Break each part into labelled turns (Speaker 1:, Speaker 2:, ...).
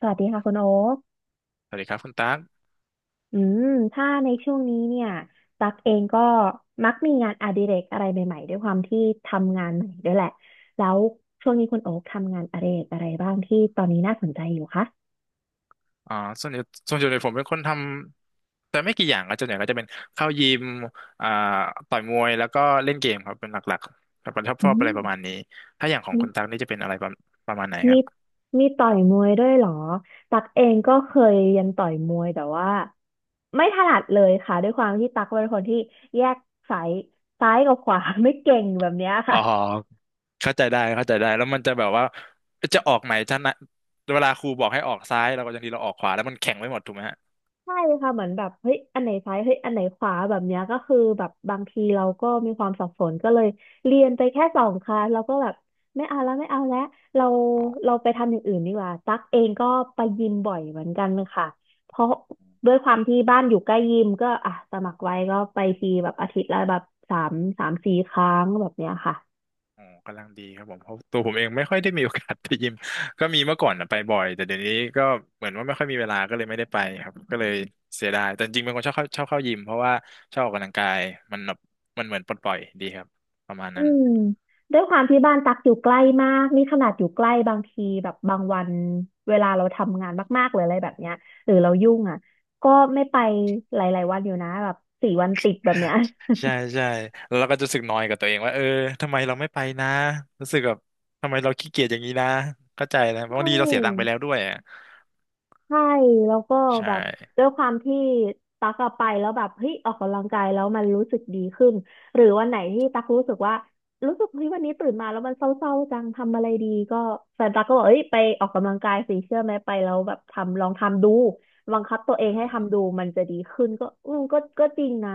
Speaker 1: สวัสดีค่ะคุณโอ๊ค
Speaker 2: สวัสดีครับคุณตั๊ก
Speaker 1: อืมถ้าในช่วงนี้เนี่ยตักเองก็มักมีงานอดิเรกอะไรใหม่ๆด้วยความที่ทำงานใหม่ด้วยแหละแล้วช่วงนี้คุณโอ๊คทำงานอดิเรกอะไรบ้างที่ตอนนี้น่าสนใจอยู่คะ
Speaker 2: อ่าส่วนใหญ่ส่วนใหญ่ผมเป็นคนทำแต่ไม่กี่อย่างก็ส่วนใหญ่ก็จะเป็นเข้ายิมอ่าต่อยมวยแล้วก็เล่นเกมครับเป็นหลักๆแบบชอบ
Speaker 1: อื
Speaker 2: ชอบอะไร
Speaker 1: ม
Speaker 2: ประมาณนี้ถ้าอย่างของคุณตั๊กนี่จะเป็นอะไรประมาณไหนค
Speaker 1: มี
Speaker 2: รับ
Speaker 1: มีต่อยมวยด้วยเหรอตักเองก็เคยเรียนต่อยมวยแต่ว่าไม่ถนัดเลยค่ะด้วยความที่ตักเป็นคนที่แยกสายซ้ายกับขวา ไม่เก่งแบบเนี้ย
Speaker 2: อ๋
Speaker 1: ค่ะ
Speaker 2: อเข้าใจได้แล้วมันจะแบบว่าจะออกไหนจะนะเวลาครูบอกให้ออกซ้ายเราก็ยังดีเราออกขวาแล้วมันแข็งไว้หมดถูกไหมฮะ
Speaker 1: ใช่ค่ะเหมือนแบบเฮ้ยอันไหนซ้ายเฮ้ยอันไหนขวาแบบเนี้ยก็คือแบบบางทีเราก็มีความสับสนก็เลยเรียนไปแค่2 คลาสเราก็แบบไม่เอาแล้วไม่เอาแล้วเรา
Speaker 2: อ๋อ
Speaker 1: เราไปทำอย่างอื่นดีกว่าตั๊กเองก็ไปยิมบ่อยเหมือนกันค่ะเพราะด้วยความที่บ้านอยู่ใกล้ยิมก็อ่ะสมัครไว้ก็ไปทีแบบอาทิตย์ละแบบสามสี่ครั้งแบบเนี้ยค่ะ
Speaker 2: อ๋อกำลังดีครับผมเพราะตัวผมเองไม่ค่อยได้มีโอกาสไปยิม ก็มีเมื่อก่อนนะไปบ่อย แต่เดี๋ยวนี้ก็เหมือนว่าไม่ค่อยมีเวลาก็เลยไม่ได้ไปครับ ก็เลยเสียดายแต่จริงๆเป็นคนชอบเข้ายิมเพราะว่าชอบออกกำลังกายมันแบบมันเหมือนปลดปล่อยดีครับประมาณ
Speaker 1: อื
Speaker 2: นั้น
Speaker 1: มด้วยความที่บ้านตักอยู่ใกล้มากนี่ขนาดอยู่ใกล้บางทีแบบบางวันเวลาเราทำงานมากๆหรืออะไรแบบเนี้ยหรือเรายุ่งอ่ะก็ไม่ไปหลายๆวันอยู่นะแบบ4 วันติดแบบเนี้ย
Speaker 2: ใช่ ใช่แล้วเราก็จะรู้สึกนอยกับตัวเองว่าเออทำไมเราไม่ไปนะรู้สึกแบบทำไมเราขี้เกียจอย่างนี้นะเข้าใจแล้วบาง
Speaker 1: ใช่
Speaker 2: ทีเราเสียตังค์ไปแล้วด้วยอ่ะ
Speaker 1: ใช่แล้วก็
Speaker 2: ใช่
Speaker 1: แบบด้วยความที่ตักอะไปแล้วแบบเฮ้ยออกกำลังกายแล้วมันรู้สึกดีขึ้นหรือวันไหนที่ตักรู้สึกว่ารู้สึกเฮ้ยวันนี้ตื่นมาแล้วมันเศร้าๆจังทำอะไรดีก็แฟนตักก็บอกเอ้ยไปออกกำลังกายสิเชื่อไหมไปแล้วแบบทำลองทำดูบังคับตัวเอ
Speaker 2: อื
Speaker 1: งให้ทำดู
Speaker 2: ม
Speaker 1: มันจะดีขึ้นก็ก็จริงนะ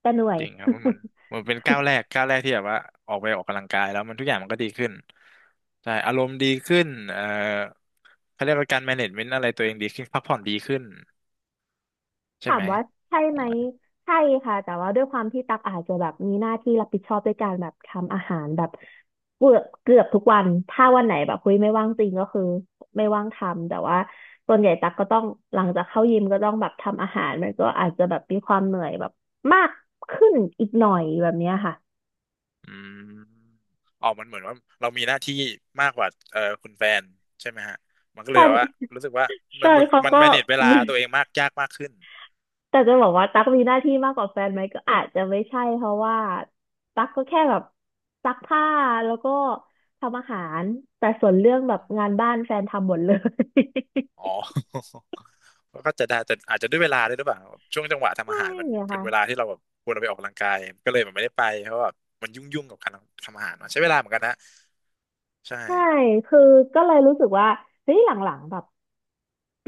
Speaker 1: แต่เหนื่อย
Speaker 2: จริงครับมันเหมือนมันเป็นก้าวแร กก้าวแรกที่แบบว่าออกไปออกกำลังกายแล้วมันทุกอย่างมันก็ดีขึ้นใช่อารมณ์ดีขึ้นเขาเรียกว่าการ management อะไรตัวเองดีขึ้นพักผ่อนดีขึ้นใช่
Speaker 1: ถา
Speaker 2: ไห
Speaker 1: ม
Speaker 2: ม
Speaker 1: ว่าใช่
Speaker 2: ป
Speaker 1: ไหม
Speaker 2: ระมาณ
Speaker 1: ใช่ค่ะแต่ว่าด้วยความที่ตักอาจจะแบบมีหน้าที่รับผิดชอบด้วยการแบบทำอาหารแบบเกือบทุกวันถ้าวันไหนแบบคุยไม่ว่างจริงก็คือไม่ว่างทำแต่ว่าส่วนใหญ่ตักก็ต้องหลังจากเข้ายิมก็ต้องแบบทำอาหารมันก็อาจจะแบบมีความเหนื่อยแบบมากขึ้นอีกหน่อยแบบเนี้ยค่ะ
Speaker 2: อืมออกมันเหมือนว่าเรามีหน้าที่มากกว่าคุณแฟนใช่ไหมฮะมันก็
Speaker 1: แฟ
Speaker 2: เลยแบ
Speaker 1: น
Speaker 2: บว่ารู้สึกว่า
Speaker 1: แฟ
Speaker 2: มัน
Speaker 1: น
Speaker 2: มัน
Speaker 1: เขา
Speaker 2: มัน
Speaker 1: ก็
Speaker 2: manage เวลา
Speaker 1: มี
Speaker 2: ตัวเองมากยากมากขึ้น
Speaker 1: แต่จะบอกว่าตั๊กมีหน้าที่มากกว่าแฟนไหมก็อาจจะไม่ใช่เพราะว่าตั๊กก็แค่แบบซักผ้าแล้วก็ทำอาหารแต่ส่วนเรื่องแบบ
Speaker 2: อม
Speaker 1: งานบ้านแฟนทำหมดเลย
Speaker 2: อ๋อ ก็ก็จะได้แต่อาจจะด้วยเวลาด้วยหรือเปล่าช่วงจังหวะ ทำ
Speaker 1: ใช่
Speaker 2: อาหารมัน
Speaker 1: อะ
Speaker 2: เป็
Speaker 1: ค่ะ
Speaker 2: นเวลาที่เราแบบควรเอาไปออกกำลังกายก็เลยแบบไม่ได้ไปเพราะว่ามันยุ่งกับการทำอาหารเนอะใช้เวลาเหมือนกันนะใช่
Speaker 1: ใช่คือก็เลยรู้สึกว่าเฮ้ยหลังๆแบบ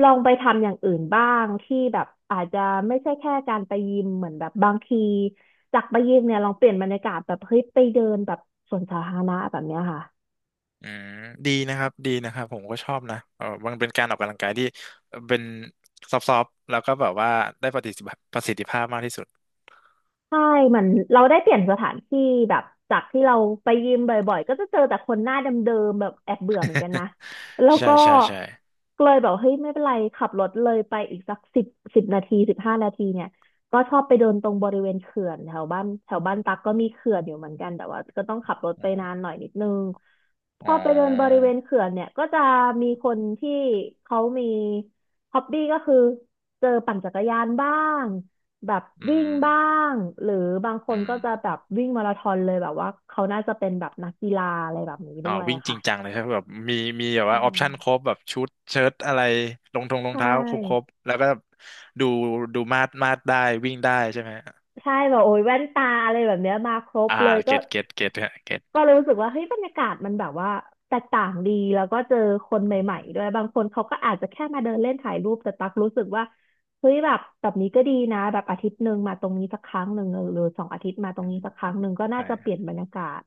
Speaker 1: ลองไปทำอย่างอื่นบ้างที่แบบอาจจะไม่ใช่แค่การไปยิมเหมือนแบบบางทีจากไปยิมเนี่ยลองเปลี่ยนบรรยากาศแบบเฮ้ยไปเดินแบบสวนสาธารณะแบบเนี้ยค่ะ
Speaker 2: อืมดีนะครับผมก็ชอบนะเออมันเป็นการออกกำลังกายที่เป็นซอฟต์ๆแล้วก็แบบว่าได้ประสิทธิภาพประสิทธิภาพมากที่สุด
Speaker 1: ใช่เหมือนเราได้เปลี่ยนสถานที่แบบจากที่เราไปยิมบ่อยๆก็จะเจอแต่คนหน้าเดิมๆแบบแอบเบื่อเหมือนกันนะ แล้ว
Speaker 2: ใช่
Speaker 1: ก็
Speaker 2: ใช่ใช่
Speaker 1: เลยแบบเฮ้ยไม่เป็นไรขับรถเลยไปอีกสักสิบนาที15 นาทีเนี่ยก็ชอบไปเดินตรงบริเวณเขื่อนแถวบ้านแถวบ้านตักก็มีเขื่อนอยู่เหมือนกันแต่ว่าก็ต้องขับรถ
Speaker 2: อื
Speaker 1: ไป
Speaker 2: ม
Speaker 1: นานหน่อยนิดนึงพ
Speaker 2: อ๋
Speaker 1: อไปเดินบริ
Speaker 2: อ
Speaker 1: เวณเขื่อนเนี่ยก็จะมีคนที่เขามีฮ็อบบี้ก็คือเจอปั่นจักรยานบ้าง แบบ
Speaker 2: อื
Speaker 1: วิ่ง
Speaker 2: ม
Speaker 1: บ้างหรือบางคน
Speaker 2: อื
Speaker 1: ก็
Speaker 2: ม
Speaker 1: จะแบบวิ่งมาราธอนเลยแบบว่าเขาน่าจะเป็นแบบนักกีฬาอะไรแบบนี้
Speaker 2: อ๋
Speaker 1: ด้
Speaker 2: อ
Speaker 1: วย
Speaker 2: วิ่ง
Speaker 1: อะ
Speaker 2: จ
Speaker 1: ค่ะ
Speaker 2: ริงจังเลยครับแบบมีมีแบบ
Speaker 1: ใช่
Speaker 2: ว่าออปชั่นครบแบบชุดเชิ้ตอะไรรองทงรอ
Speaker 1: ใช
Speaker 2: งเท้าครบคร
Speaker 1: ่
Speaker 2: บแล้วก็ดูดูมาดได้วิ่งได้ใช่ไหม
Speaker 1: ใช่แบบโอ้ยแว่นตาอะไรแบบเนี้ยมาครบ
Speaker 2: อ่า
Speaker 1: เลยก็
Speaker 2: เก็ตฮะเก็ต
Speaker 1: ก็รู้สึกว่าเฮ้ยบรรยากาศมันแบบว่าแตกต่างดีแล้วก็เจอคน
Speaker 2: อื
Speaker 1: ใหม่
Speaker 2: ม
Speaker 1: ๆด้วยบางคนเขาก็อาจจะแค่มาเดินเล่นถ่ายรูปแต่ตักรู้สึกว่าเฮ้ยแบบแบบนี้ก็ดีนะแบบอาทิตย์หนึ่งมาตรงนี้สักครั้งหนึ่งหรือสองอาทิตย์มาตร
Speaker 2: อื
Speaker 1: งนี้
Speaker 2: ม
Speaker 1: สักครั้งหนึ่งก็น่า
Speaker 2: ใช่
Speaker 1: จะเปลี่ยนบรรยากาศ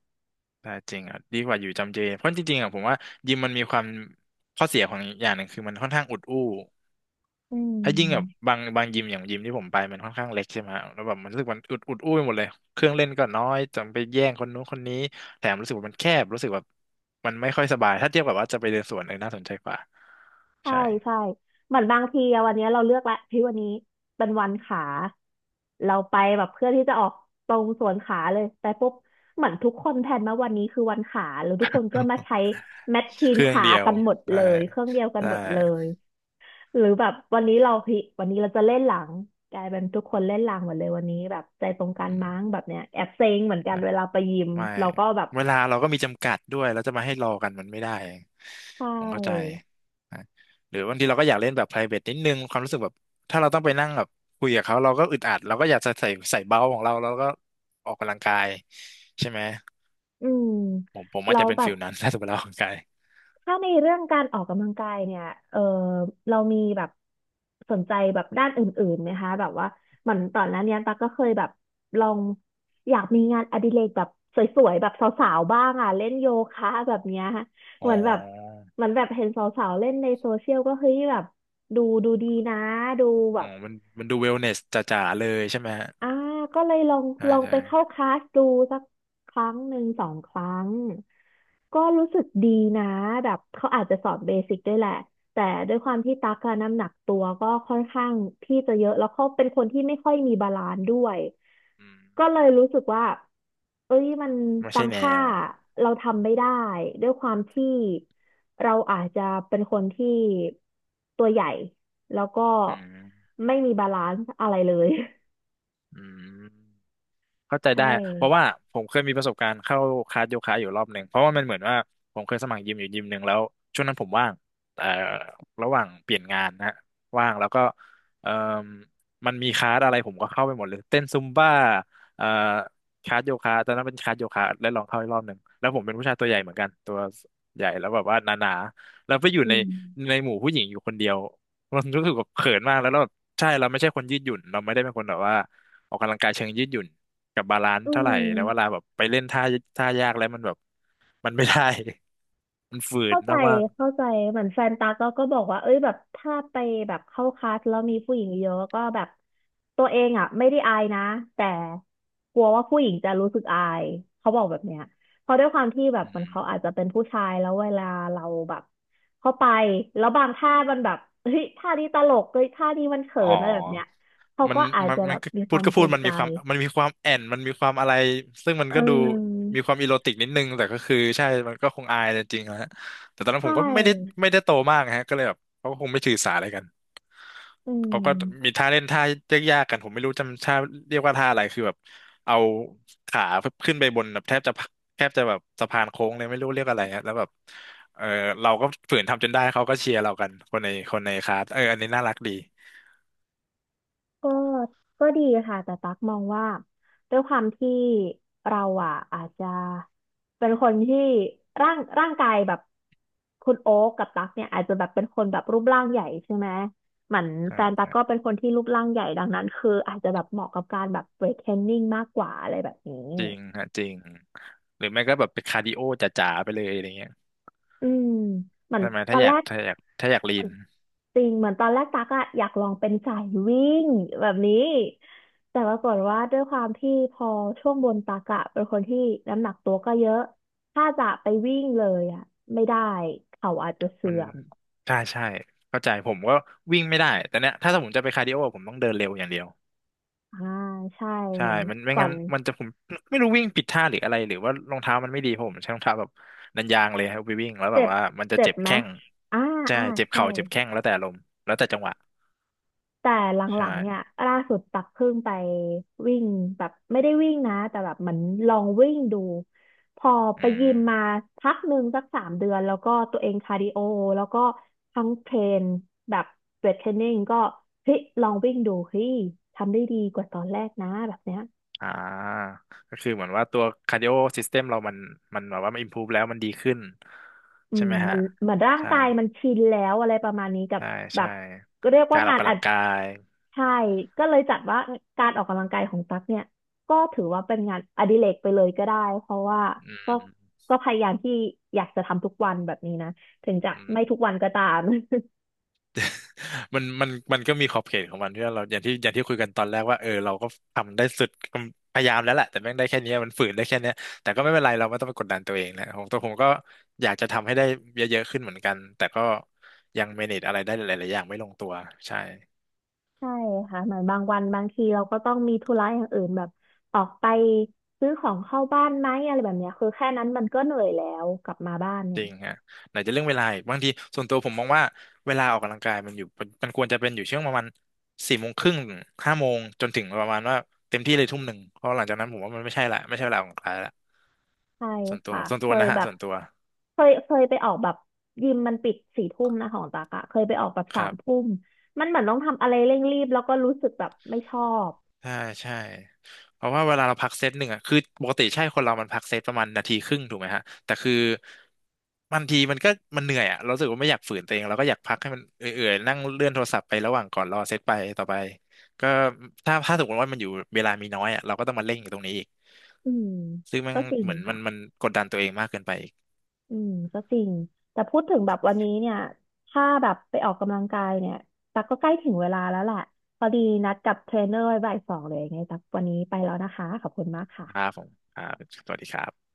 Speaker 2: ใช่จริงอ่ะดีกว่าอยู่จำเจเพราะจริงๆอ่ะผมว่ายิมมันมีความข้อเสียของอย่างหนึ่งคือมันค่อนข้างอุดอู้
Speaker 1: อื
Speaker 2: ไอ้ยิ่งแบบ
Speaker 1: ม
Speaker 2: บางยิมอย่างยิมที่ผมไปมันค่อนข้างเล็กใช่ไหมฮะแล้วแบบมันรู้สึกมันอุดอุ้ยหมดเลยเครื่องเล่นก็น้อยจำไปแย่งคนนู้นคนนี้แถมรู้สึกว่ามันแคบรู้สึกแบบมันไม่ค่อยสบายถ้าเทียบกับว่าจะไปเดินสวนเออน่าสนใจกว่า
Speaker 1: ใช่
Speaker 2: ใช่
Speaker 1: ใช่เหมือนบางทีอะวันเนี้ยเราเลือกละพี่วันนี้เป็นวันขาเราไปแบบเพื่อที่จะออกตรงส่วนขาเลยแต่ปุ๊บเหมือนทุกคนแพลนมาวันนี้คือวันขาแล้วทุกคนก็มาใช้แมชชี
Speaker 2: เค
Speaker 1: น
Speaker 2: รื่อง
Speaker 1: ขา
Speaker 2: เดียว
Speaker 1: กันหมด
Speaker 2: ใช่
Speaker 1: เลยเครื่องเดียวกัน
Speaker 2: ใช่
Speaker 1: หมดเลยหรือแบบวันนี้เราพี่วันนี้เราจะเล่นหลังกลายเป็นทุกคนเล่นหลังหมดเลยวันนี้แบบใจตรงกัน
Speaker 2: อืม
Speaker 1: มั้งแบบเนี้ยแอบเซ็งเหมือนกันเวลาไปยิม
Speaker 2: ไม่
Speaker 1: เราก็แบบ
Speaker 2: เวลาเราก็มีจำกัดด้วยแล้วจะมาให้รอกันมันไม่ได้
Speaker 1: ใช
Speaker 2: ผมเข้าใจ
Speaker 1: ่
Speaker 2: นะหรือบางทีเราก็อยากเล่นแบบ private นิดนึงความรู้สึกแบบถ้าเราต้องไปนั่งแบบคุยกับเขาเราก็อึดอัดเราก็อยากจะใส่เบาของเราแล้วก็ออกกำลังกายใช่ไหม
Speaker 1: อืม
Speaker 2: ผมอาจ
Speaker 1: เรา
Speaker 2: จะ
Speaker 1: แล้
Speaker 2: เป็
Speaker 1: ว
Speaker 2: น
Speaker 1: แบ
Speaker 2: ฟิ
Speaker 1: บ
Speaker 2: ลนั้น ถ้าสมมติเราออกกำลังกาย
Speaker 1: ถ้าในเรื่องการออกกำลังกายเนี่ยเออเรามีแบบสนใจแบบด้านอื่นๆไหมคะแบบว่าเหมือนตอนนั้นเนี่ยตั๊กก็เคยแบบลองอยากมีงานอดิเรกแบบสวยๆแบบสาวๆบ้างอ่ะเล่นโยคะแบบเนี้ยเห
Speaker 2: อ๋
Speaker 1: มือนแบบ
Speaker 2: อ
Speaker 1: เหมือนแบบเห็นสาวๆเล่นในโซเชียลก็เฮ้ยแบบดูดูดีนะดูแบ
Speaker 2: อ๋อ
Speaker 1: บ
Speaker 2: มันดูเวลเนสจ๋าๆเลยใช่ไหมฮะ
Speaker 1: อ่าก็เลยลอง
Speaker 2: ใช่ใช่
Speaker 1: ไปเข้าคลาสดูสักครั้งหนึ่งสองครั้ง ก็รู้สึกดีนะแบบเขาอาจจะสอนเบสิกด้วยแหละแต่ด้วยความที่ตักอะน้ำหนักตัวก็ค่อนข้างที่จะเยอะแล้วเขาเป็นคนที่ไม่ค่อยมีบาลานซ์ด้วย
Speaker 2: อื
Speaker 1: ก็
Speaker 2: ม
Speaker 1: เลยรู้สึกว่าเอ้ยมัน
Speaker 2: ไม่
Speaker 1: บา
Speaker 2: ใช่
Speaker 1: ง
Speaker 2: แน
Speaker 1: ท่า
Speaker 2: ว
Speaker 1: เราทำไม่ได้ด้วยความที่เราอาจจะเป็นคนที่ตัวใหญ่แล้วก็
Speaker 2: อืม
Speaker 1: ไม่มีบาลานซ์อะไรเลย
Speaker 2: อืม เข้าใจ
Speaker 1: ใช่
Speaker 2: ได้เพราะว่าผมเคยมีประสบการณ์เข้าคลาสโยคะอยู่รอบหนึ่งเพราะว่ามันเหมือนว่าผมเคยสมัครยิมอยู่ยิมหนึ่งแล้วช่วงนั้นผมว่างเอ่อระหว่างเปลี่ยนงานนะว่างแล้วก็เอ่อมันมีคลาสอะไรผมก็เข้าไปหมดเลยเต้นซุมบ้าเอ่อคลาสโยคะตอนนั้นเป็นคลาสโยคะได้ลองเข้าอีกรอบหนึ่งแล้วผมเป็นผู้ชายตัวใหญ่เหมือนกันตัวใหญ่แล้วแบบว่าหนาๆแล้วไปอยู่
Speaker 1: อื
Speaker 2: ใน
Speaker 1: ม
Speaker 2: ในหมู่ผู้หญิงอยู่คนเดียวมันรู้สึกแบบเขินมากแล้วแบบใช่เราไม่ใช่คนยืดหยุ่นเราไม่ได้เป็นคนแบบว่าออกกำลังกายเชิงยืดหยุ่น กับบาลานซ์
Speaker 1: อื
Speaker 2: เท่าไหร่แล้วเว
Speaker 1: ม
Speaker 2: ลาแบบไปเล่นท่ายากแล้วมันแบบมันไม่ได้ มันฝืน
Speaker 1: เข้าใจ
Speaker 2: มาก
Speaker 1: เข้าใจเหมือนแฟนตาก็บอกว่าเอ้ยแบบถ้าไปแบบเข้าคลาสแล้วมีผู้หญิงเยอะก็แบบตัวเองอ่ะไม่ได้อายนะแต่กลัวว่าผู้หญิงจะรู้สึกอายเขาบอกแบบเนี้ยเพราะด้วยความที่แบ
Speaker 2: ๆ
Speaker 1: บ
Speaker 2: อื
Speaker 1: มัน
Speaker 2: ม
Speaker 1: เขาอาจจะเป็นผู้ชายแล้วเวลาเราแบบเข้าไปแล้วบางท่ามันแบบเฮ้ยท่านี้ตลกเฮ้ยท่านี้มันเขิ
Speaker 2: อ๋อ
Speaker 1: นอะไรแบบเนี้ยเขา
Speaker 2: มัน
Speaker 1: ก็อาจ
Speaker 2: มัน
Speaker 1: จะแบ
Speaker 2: มัน
Speaker 1: บ
Speaker 2: ก็
Speaker 1: มีค
Speaker 2: พู
Speaker 1: วา
Speaker 2: ด
Speaker 1: ม
Speaker 2: ก็
Speaker 1: เก
Speaker 2: พู
Speaker 1: ร
Speaker 2: ด
Speaker 1: ง
Speaker 2: มัน
Speaker 1: ใจ
Speaker 2: มีความมันมีความแอนมันมีความอะไรซึ่งมัน
Speaker 1: เอ
Speaker 2: ก็ดู
Speaker 1: อ
Speaker 2: มีความอีโรติกนิดนึงแต่ก็คือใช่มันก็คงอายจริงๆนะฮะแต่ตอนนั้นผ
Speaker 1: ใช่
Speaker 2: มก็ไม่ได้ไม่ได้โตมากฮะก็เลยแบบเขาก็คงไม่ถือสาอะไรกัน
Speaker 1: อื
Speaker 2: เขาก็มี
Speaker 1: ม
Speaker 2: ท่าเล่นท่ายากๆกันผมไม่รู้จำท่าเรียกว่าท่าอะไรคือแบบเอาขาขึ้นไปบนแบบแทบจะแบบสะพานโค้งเลยไม่รู้เรียกอะไรอะแล้วแบบเออเราก็ฝืนทำจนได้เขาก็เชียร์เรากันคนในคลาสเอออันนี้น่ารักดี
Speaker 1: ก็ก็ดีค่ะแต่ตักมองว่าด้วยความที่เราอ่ะอาจจะเป็นคนที่ร่างกายแบบคุณโอ๊กกับตักเนี่ยอาจจะแบบเป็นคนแบบรูปร่างใหญ่ใช่ไหมเหมือน
Speaker 2: ใช
Speaker 1: แฟนตัก
Speaker 2: ่
Speaker 1: ก็เป็นคนที่รูปร่างใหญ่ดังนั้นคืออาจจะแบบเหมาะกับการแบบเวทเทรนนิ่งมากกว่าอะไรแบบนี้
Speaker 2: จริงฮะจริงหรือไม่ก็แบบไปคาร์ดิโอจ๋าๆไปเลยอะไรเงี้ย
Speaker 1: อืมเหมือน
Speaker 2: ใช่ไหม
Speaker 1: ตอ
Speaker 2: ถ้า
Speaker 1: น
Speaker 2: อ
Speaker 1: แร
Speaker 2: ยาก
Speaker 1: ก
Speaker 2: ถ้าอยากถ้าอยากลีน
Speaker 1: จริงเหมือนตอนแรกตักอะอยากลองเป็นสายวิ่งแบบนี้แต่ปรากฏว่าด้วยความที่พอช่วงบนตักอะเป็นคนที่น้ำหนักตัวก็เยอะถ้าจะไปวิ่งเลยอะไม่ได้เข่าอาจจะเสื่
Speaker 2: มัน
Speaker 1: อม
Speaker 2: ใช่ใช่เข้าใจผมก็วิ่งไม่ได้แต่เนี้ยถ้าสมมติจะไปคาร์ดิโอผมต้องเดินเร็วอย่างเดียว
Speaker 1: อ่าใช่
Speaker 2: ใช่
Speaker 1: มัน
Speaker 2: มันไม่
Speaker 1: ก่อ
Speaker 2: งั้น
Speaker 1: น
Speaker 2: มันจะผมไม่รู้วิ่งผิดท่าหรืออะไรหรือว่ารองเท้ามันไม่ดีผมใช้รองเท้าแบบนันยางเลยครับไปวิ่งแล้วแบบ
Speaker 1: เจ็บ
Speaker 2: ว่ามันจะ
Speaker 1: เจ็บ
Speaker 2: เจ็บ
Speaker 1: ไหม
Speaker 2: แข้ง
Speaker 1: อ่า
Speaker 2: ใช่
Speaker 1: อ่า
Speaker 2: เจ็บ
Speaker 1: ใช่
Speaker 2: เข่าเจ็บแข้งแล้วแต่ลมณ์แล้วแต่จังหวะ
Speaker 1: แต่หลั
Speaker 2: ใช่
Speaker 1: งๆเนี่ยล่าสุดตักเพิ่งไปวิ่งแบบไม่ได้วิ่งนะแต่แบบเหมือนลองวิ่งดูพอไป
Speaker 2: อื
Speaker 1: ยิ
Speaker 2: ม
Speaker 1: มมาพักหนึ่งสัก3 เดือนแล้วก็ตัวเองคาร์ดิโอแล้วก็ทั้งเทรนแบบเวทเทรนนิ่งก็เฮ้ยลองวิ่งดูเฮ้ยทำได้ดีกว่าตอนแรกนะแบบเนี้ย
Speaker 2: อ่าก็คือเหมือนว่าตัวคาร์ดิโอซิสเต็มเรามันแบบว่ามันอิมพูฟแล้วมันดีขึ้น
Speaker 1: อื
Speaker 2: ใช่
Speaker 1: ม
Speaker 2: ไหม
Speaker 1: มั
Speaker 2: ฮะ
Speaker 1: นเหมือนร่าง
Speaker 2: ใช่
Speaker 1: กายมันชินแล้วอะไรประมาณนี้กับ
Speaker 2: ใช่
Speaker 1: แบ
Speaker 2: ใช่
Speaker 1: บเรียกว่า
Speaker 2: การออ
Speaker 1: งา
Speaker 2: ก
Speaker 1: น
Speaker 2: กำ
Speaker 1: อั
Speaker 2: ลั
Speaker 1: ด
Speaker 2: งกาย
Speaker 1: ใช่ก็เลยจัดว่าการออกกำลังกายของตั๊กเนี่ยก็ถือว่าเป็นงานอดิเรกไปเลยก็ได้เพราะว่า
Speaker 2: อื
Speaker 1: ก็
Speaker 2: ม
Speaker 1: ก็พยายามที่อยากจะทำทุกวันแบบนี้นะถึงจะ
Speaker 2: อืม
Speaker 1: ไม่ทุกวันก็ตาม
Speaker 2: มันก็มีขอบเขตของมันที่ว่าเราอย่างที่คุยกันตอนแรกว่าเออเราก็ทำได้สุดพยายามแล้วแหละแต่แม่งได้แค่เนี้ยมันฝืนได้แค่เนี้ยแต่ก็ไม่เป็นไรเราไม่ต้องไปกดดันตัวเองนะของตัวผมก็อยากจะทำให้ได้เยอะๆขึ้นเหมือนกันแต่ก็ยังเมเนจอะไรได้หลายๆอย่างไม่ลงตัวใช่
Speaker 1: ใช่ค่ะเหมือนบางวันบางทีเราก็ต้องมีธุระอย่างอื่นแบบออกไปซื้อของเข้าบ้านไหมอะไรแบบเนี้ยคือแค่นั้นมันก็เหนื่อยแล้วกลับมาบ้าน
Speaker 2: จ
Speaker 1: เนี่ย
Speaker 2: ริงฮะไหนจะเรื่องเวลาอีกบางทีส่วนตัวผมมองว่าเวลาออกกำลังกายมันอยู่มันควรจะเป็นอยู่ช่วงประมาณสี่โมงครึ่งห้าโมงจนถึงประมาณว่าเต็มที่เลยทุ่มหนึ่งเพราะหลังจากนั้นผมว่ามันไม่ใช่ละไม่ใช่เวลาออกกำลังกายละ
Speaker 1: ใช่
Speaker 2: ส่วนตัว
Speaker 1: ค่ะ
Speaker 2: ส่วนตั
Speaker 1: เค
Speaker 2: ว
Speaker 1: ย
Speaker 2: นะฮะ
Speaker 1: แบบ
Speaker 2: ส่วนตัว
Speaker 1: เคยไปออกแบบยิมมันปิดสี่ทุ่มนะของตักอะเคยไปออกแบบ
Speaker 2: ค
Speaker 1: สา
Speaker 2: รั
Speaker 1: มทุ่
Speaker 2: บ
Speaker 1: มมันเหมือนต้องทำอะไรเร่งรีบแล้วก็รู้สึกแบบไม่ชอบ
Speaker 2: ใช่ใช่เพราะว่าเวลาเราพักเซตหนึ่งอ่ะคือปกติใช่คนเรามันพักเซตประมาณนาทีครึ่งถูกไหมฮะแต่คือบางทีมันก็มันเหนื่อยอ่ะเรารู้สึกว่าไม่อยากฝืนตัวเองเราก็อยากพักให้มันเอื่อยๆนั่งเลื่อนโทรศัพท์ไประหว่างก่อนรอเซตไปต่อไปก็ถ้าสมมติว่ามันอยู่เวลามีน้อยอ่ะเราก็ต้องมาเร่งอยู่ตรงนี้อีก
Speaker 1: อืม
Speaker 2: ซึ่งมัน
Speaker 1: ก็จริง
Speaker 2: เหมือนมันมั
Speaker 1: ค่ะ
Speaker 2: นกดดันตัวเองมากเกินไปอีก
Speaker 1: อืมก็จริงแต่พูดถึงแบบวันนี้เนี่ยถ้าแบบไปออกกำลังกายเนี่ยตักก็ใกล้ถึงเวลาแล้วแหละพอดีนัดกับเทรนเนอร์ไว้บ่าย 2เลยไงตักวันนี้ไปแล้วนะคะขอบคุณมาก
Speaker 2: นะครับ
Speaker 1: ค่ะ
Speaker 2: ผมครับสวัสดีครับ